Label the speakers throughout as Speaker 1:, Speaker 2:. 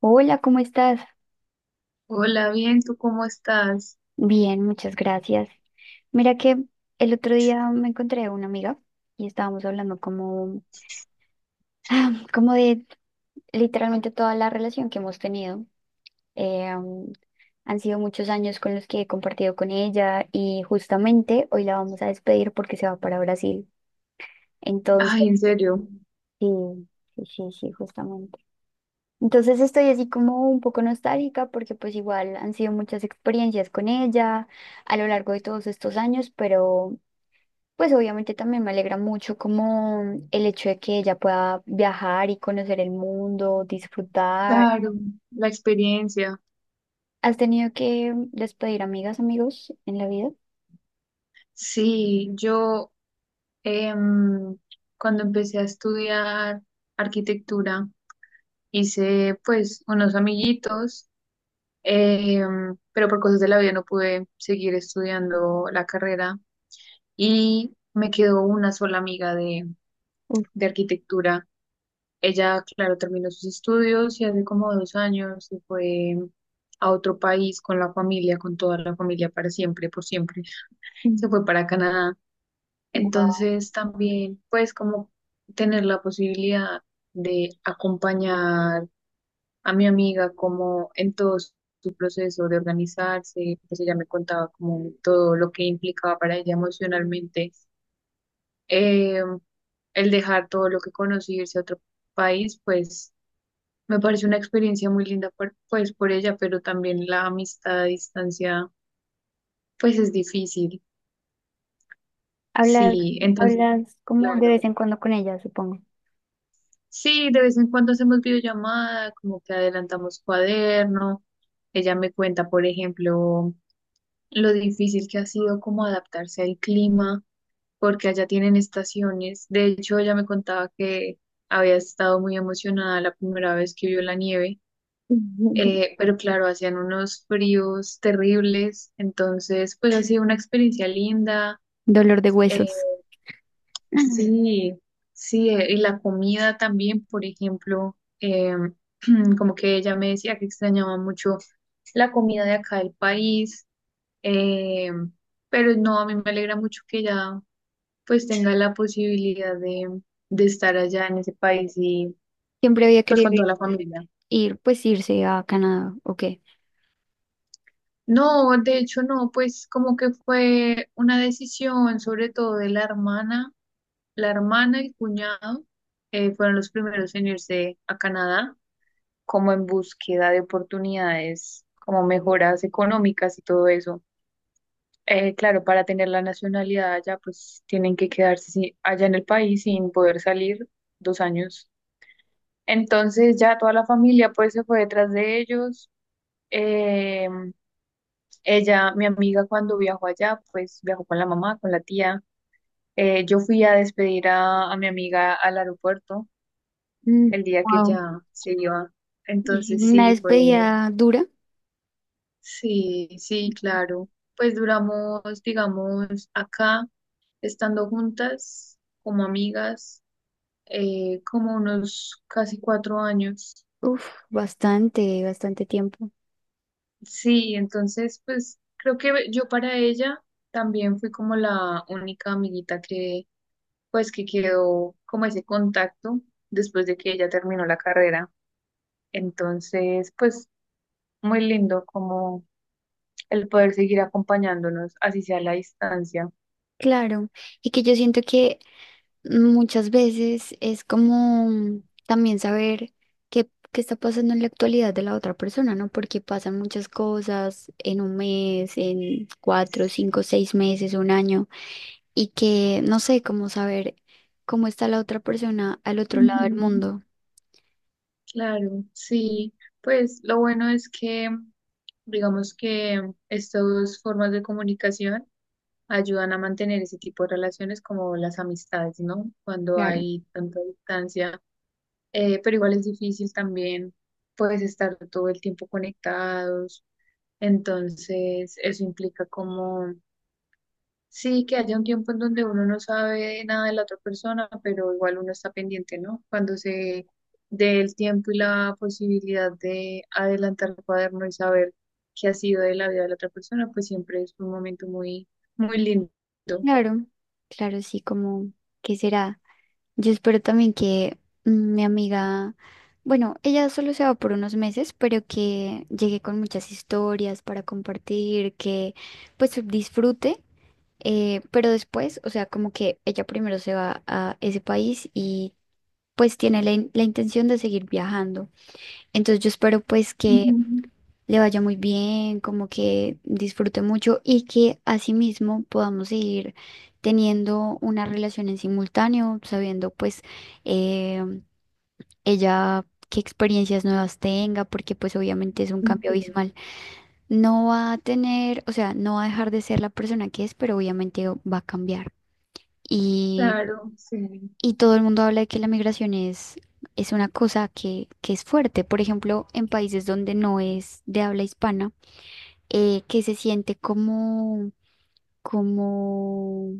Speaker 1: Hola, ¿cómo estás?
Speaker 2: Hola, bien, ¿tú cómo estás?
Speaker 1: Bien, muchas gracias. Mira que el otro día me encontré una amiga y estábamos hablando como de literalmente toda la relación que hemos tenido. Eh, um, Han sido muchos años con los que he compartido con ella y justamente hoy la vamos a despedir porque se va para Brasil. Entonces,
Speaker 2: Ay, en serio,
Speaker 1: sí, sí, sí, sí, justamente. Entonces estoy así como un poco nostálgica porque pues igual han sido muchas experiencias con ella a lo largo de todos estos años, pero... Pues obviamente también me alegra mucho como el hecho de que ella pueda viajar y conocer el mundo, disfrutar.
Speaker 2: claro, la experiencia.
Speaker 1: ¿Has tenido que despedir amigas, amigos en la vida?
Speaker 2: Sí, yo em, cuando empecé a estudiar arquitectura hice pues unos amiguitos, pero por cosas de la vida no pude seguir estudiando la carrera y me quedó una sola amiga
Speaker 1: Uf.
Speaker 2: de arquitectura. Ella, claro, terminó sus estudios y hace como 2 años se fue a otro país con la familia, con toda la familia para siempre, por siempre. Se
Speaker 1: Mm.
Speaker 2: fue para Canadá.
Speaker 1: Wow.
Speaker 2: Entonces también, pues como tener la posibilidad de acompañar a mi amiga como en todo su proceso de organizarse, pues ella me contaba como todo lo que implicaba para ella emocionalmente, eh, el dejar todo lo que conoce y irse a otro país, pues me parece una experiencia muy linda por, pues por ella, pero también la amistad a distancia pues es difícil.
Speaker 1: Hablas,
Speaker 2: Sí, entonces,
Speaker 1: hablas como de
Speaker 2: claro.
Speaker 1: vez en cuando con ella, supongo.
Speaker 2: Sí, de vez en cuando hacemos videollamada, como que adelantamos cuaderno. Ella me cuenta, por ejemplo, lo difícil que ha sido como adaptarse al clima, porque allá tienen estaciones. De hecho, ella me contaba que había estado muy emocionada la primera vez que vio la nieve,
Speaker 1: Ujú.
Speaker 2: pero claro, hacían unos fríos terribles, entonces pues ha sido una experiencia linda.
Speaker 1: Dolor de
Speaker 2: eh,
Speaker 1: huesos. Ah.
Speaker 2: sí, sí, y la comida también, por ejemplo, como que ella me decía que extrañaba mucho la comida de acá del país. eh, pero no, a mí me alegra mucho que ella pues tenga la posibilidad de estar allá en ese país y
Speaker 1: Siempre había
Speaker 2: pues
Speaker 1: querido
Speaker 2: con
Speaker 1: ir,
Speaker 2: toda la familia.
Speaker 1: ir, pues irse a Canadá, ok.
Speaker 2: No, de hecho no, pues como que fue una decisión sobre todo de la hermana y el cuñado. Fueron los primeros en irse a Canadá como en búsqueda de oportunidades, como mejoras económicas y todo eso. Claro, para tener la nacionalidad allá, pues tienen que quedarse sí, allá en el país sin poder salir 2 años. Entonces ya toda la familia pues se fue detrás de ellos. eh, Ella, mi amiga, cuando viajó allá, pues viajó con la mamá, con la tía. Yo fui a despedir a mi amiga al aeropuerto el día que
Speaker 1: Wow.
Speaker 2: ya se iba. Entonces
Speaker 1: Una
Speaker 2: sí, fue,
Speaker 1: despedida dura.
Speaker 2: sí, sí, claro. Pues duramos, digamos, acá, estando juntas, como amigas, como unos casi 4 años.
Speaker 1: Uf, bastante, bastante tiempo.
Speaker 2: Sí, entonces, pues creo que yo para ella también fui como la única amiguita que pues que quedó como ese contacto después de que ella terminó la carrera. Entonces, pues muy lindo como el poder seguir acompañándonos, así sea a la distancia.
Speaker 1: Claro, y que yo siento que muchas veces es como también saber qué está pasando en la actualidad de la otra persona, ¿no? Porque pasan muchas cosas en un mes, en cuatro, cinco, seis meses, un año, y que no sé cómo saber cómo está la otra persona al otro lado del
Speaker 2: Ujú.
Speaker 1: mundo.
Speaker 2: Claro, sí, pues lo bueno es que digamos que estas dos formas de comunicación ayudan a mantener ese tipo de relaciones como las amistades, ¿no? Cuando
Speaker 1: Claro,
Speaker 2: hay tanta distancia, pero igual es difícil también, pues estar todo el tiempo conectados. Entonces, eso implica como, sí, que haya un tiempo en donde uno no sabe nada de la otra persona, pero igual uno está pendiente, ¿no? Cuando se dé el tiempo y la posibilidad de adelantar el cuaderno y saber qué ha sido de la vida de la otra persona, pues siempre es un momento muy, muy lindo.
Speaker 1: claro, claro, sí, como, ¿qué será? Yo espero también que mi amiga, bueno, ella solo se va por unos meses, pero que llegue con muchas historias para compartir, que pues disfrute, pero después, o sea, como que ella primero se va a ese país y pues tiene la, la intención de seguir viajando. Entonces yo espero pues que
Speaker 2: Ujú,
Speaker 1: le vaya muy bien, como que disfrute mucho y que asimismo podamos seguir teniendo una relación en simultáneo, sabiendo pues, eh, ella qué experiencias nuevas tenga, porque pues obviamente es un
Speaker 2: sí.
Speaker 1: cambio abismal. No va a tener, o sea, no va a dejar de ser la persona que es, pero obviamente va a cambiar. Y,
Speaker 2: Claro, sí,
Speaker 1: y todo el mundo habla de que la migración es una cosa que es fuerte. Por ejemplo, en países donde no es de habla hispana, que se siente como,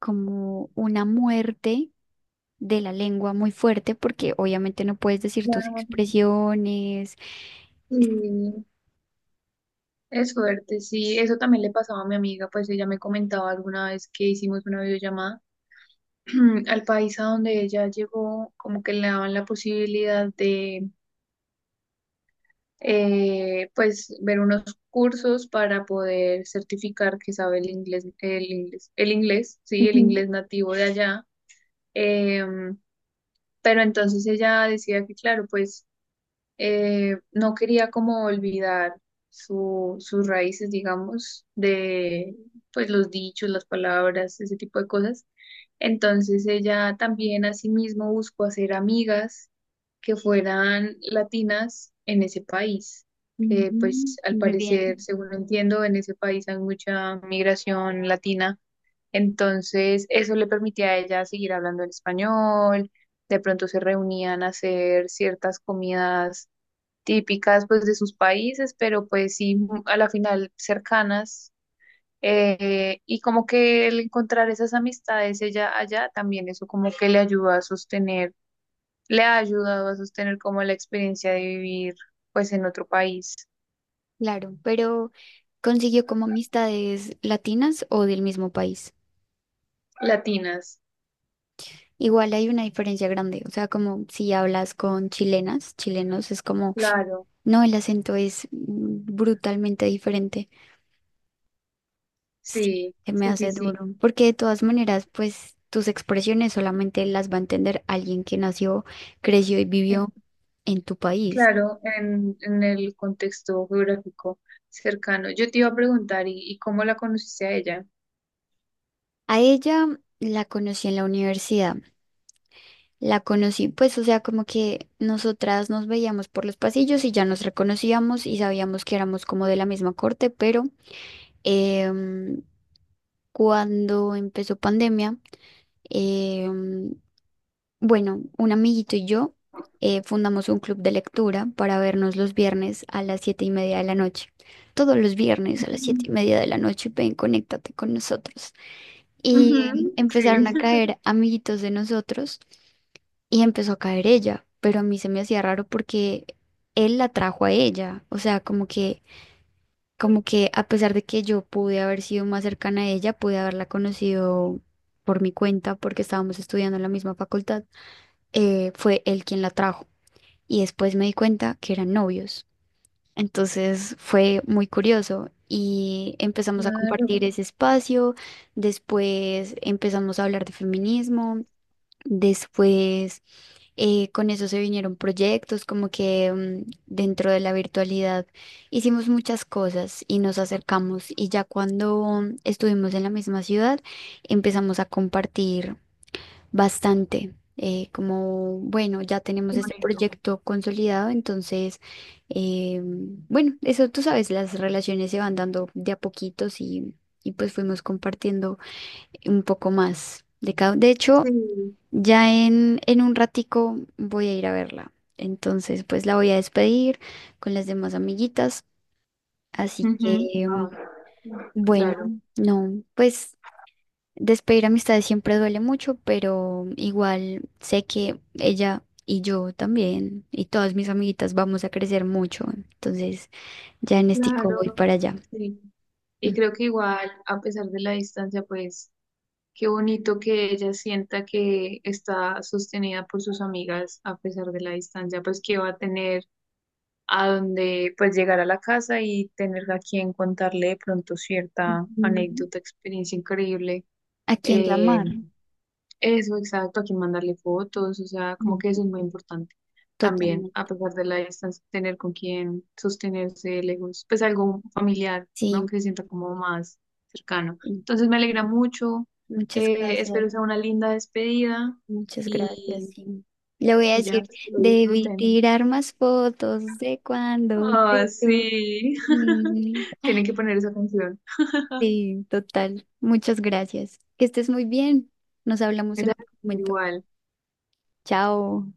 Speaker 1: como una muerte de la lengua muy fuerte, porque obviamente no puedes decir tus
Speaker 2: claro,
Speaker 1: expresiones. Es-
Speaker 2: sí, es fuerte, sí, eso también le pasaba a mi amiga, pues ella me comentaba alguna vez que hicimos una videollamada al país a donde ella llegó, como que le daban la posibilidad de, pues, ver unos cursos para poder certificar que sabe el inglés, el inglés, el inglés, sí, el
Speaker 1: Ujú,
Speaker 2: inglés nativo de allá. Em, pero entonces ella decía que, claro, pues no quería como olvidar su, sus raíces, digamos, de pues los dichos, las palabras, ese tipo de cosas. Entonces ella también asimismo buscó hacer amigas que fueran latinas en ese país, que
Speaker 1: ujú.
Speaker 2: pues al
Speaker 1: Muy
Speaker 2: parecer,
Speaker 1: bien,
Speaker 2: según entiendo, en ese país hay mucha migración latina. Entonces eso le permitía a ella seguir hablando en español. De pronto se reunían a hacer ciertas comidas típicas pues de sus países, pero pues sí, mu- a la final cercanas. Y como que el encontrar esas amistades ella allá también eso como que le ayudó a sostener, le ha ayudado a sostener como la experiencia de vivir pues en otro país.
Speaker 1: claro, pero consiguió como amistades latinas o del mismo país.
Speaker 2: Latinas,
Speaker 1: Igual hay una diferencia grande, o sea, como si hablas con chilenas, chilenos es como,
Speaker 2: claro,
Speaker 1: no, el acento es brutalmente diferente. Sí,
Speaker 2: sí,
Speaker 1: se me
Speaker 2: sí, sí,
Speaker 1: hace
Speaker 2: sí.
Speaker 1: duro, porque de todas maneras, pues tus expresiones solamente las va a entender alguien que nació, creció y
Speaker 2: eh,
Speaker 1: vivió en tu país.
Speaker 2: Claro, en el contexto geográfico cercano. Yo te iba a preguntar, y cómo la conociste a ella?
Speaker 1: A ella la conocí en la universidad, la conocí, pues, o sea, como que nosotras nos veíamos por los pasillos y ya nos reconocíamos y sabíamos que éramos como de la misma corte, pero em, cuando empezó pandemia, em, bueno, un amiguito y yo fundamos un club de lectura para vernos los viernes a las 7:30 de la noche. Todos los viernes a las
Speaker 2: Ujú,
Speaker 1: 7:30 de la noche, ven, conéctate con nosotros. Y
Speaker 2: ujú, sí.
Speaker 1: empezaron a caer amiguitos de nosotros y empezó a caer ella, pero a mí se me hacía raro porque él la trajo a ella. O sea, como que a pesar de que yo pude haber sido más cercana a ella, pude haberla conocido por mi cuenta porque estábamos estudiando en la misma facultad, fue él quien la trajo. Y después me di cuenta que eran novios. Entonces fue muy curioso y empezamos a compartir
Speaker 2: Claro.
Speaker 1: ese espacio. Después empezamos a hablar de feminismo. Después, con eso se vinieron proyectos, como que dentro de la virtualidad hicimos muchas cosas y nos acercamos. Y ya cuando estuvimos en la misma ciudad, empezamos a compartir bastante. Eh, como, bueno, ya tenemos
Speaker 2: Qué
Speaker 1: este
Speaker 2: bonito.
Speaker 1: proyecto consolidado, entonces, eh, bueno, eso tú sabes, las relaciones se van dando de a poquitos y pues fuimos compartiendo un poco más de cada. De hecho,
Speaker 2: Sí.
Speaker 1: ya en un ratico voy a ir a verla. Entonces, pues la voy a despedir con las demás amiguitas. Así
Speaker 2: Ujú.
Speaker 1: que,
Speaker 2: Ah,
Speaker 1: bueno,
Speaker 2: claro,
Speaker 1: no, pues despedir amistades siempre duele mucho, pero igual sé que ella y yo también y todas mis amiguitas vamos a crecer mucho. Entonces, ya en este voy
Speaker 2: claro,
Speaker 1: para allá.
Speaker 2: sí. Y creo que igual, a pesar de la distancia, pues qué bonito que ella sienta que está sostenida por sus amigas a pesar de la distancia, pues que va a tener a donde, pues llegar a la casa y tener a quien contarle de pronto cierta
Speaker 1: Ujú.
Speaker 2: anécdota, experiencia increíble.
Speaker 1: ¿A quién
Speaker 2: eh,
Speaker 1: llamar?
Speaker 2: Eso, exacto, a quién mandarle fotos, o sea, como que
Speaker 1: Ujú.
Speaker 2: eso es muy importante. También, a
Speaker 1: Totalmente.
Speaker 2: pesar de la distancia, tener con quién sostenerse lejos, pues algo familiar, ¿no?
Speaker 1: Sí,
Speaker 2: Que se sienta como más cercano.
Speaker 1: sí.
Speaker 2: Entonces me alegra mucho,
Speaker 1: Muchas gracias.
Speaker 2: espero sea una linda despedida
Speaker 1: Muchas gracias.
Speaker 2: y,
Speaker 1: Sí. Le voy a
Speaker 2: y ya,
Speaker 1: decir,
Speaker 2: pues que lo
Speaker 1: debí
Speaker 2: disfruten.
Speaker 1: tirar más fotos de cuando te
Speaker 2: Ah,
Speaker 1: tuve.
Speaker 2: sí, tienen que poner esa canción.
Speaker 1: Sí, total. Muchas gracias. Que estés muy bien. Nos hablamos en otro
Speaker 2: Gracias,
Speaker 1: momento.
Speaker 2: igual.
Speaker 1: Chao.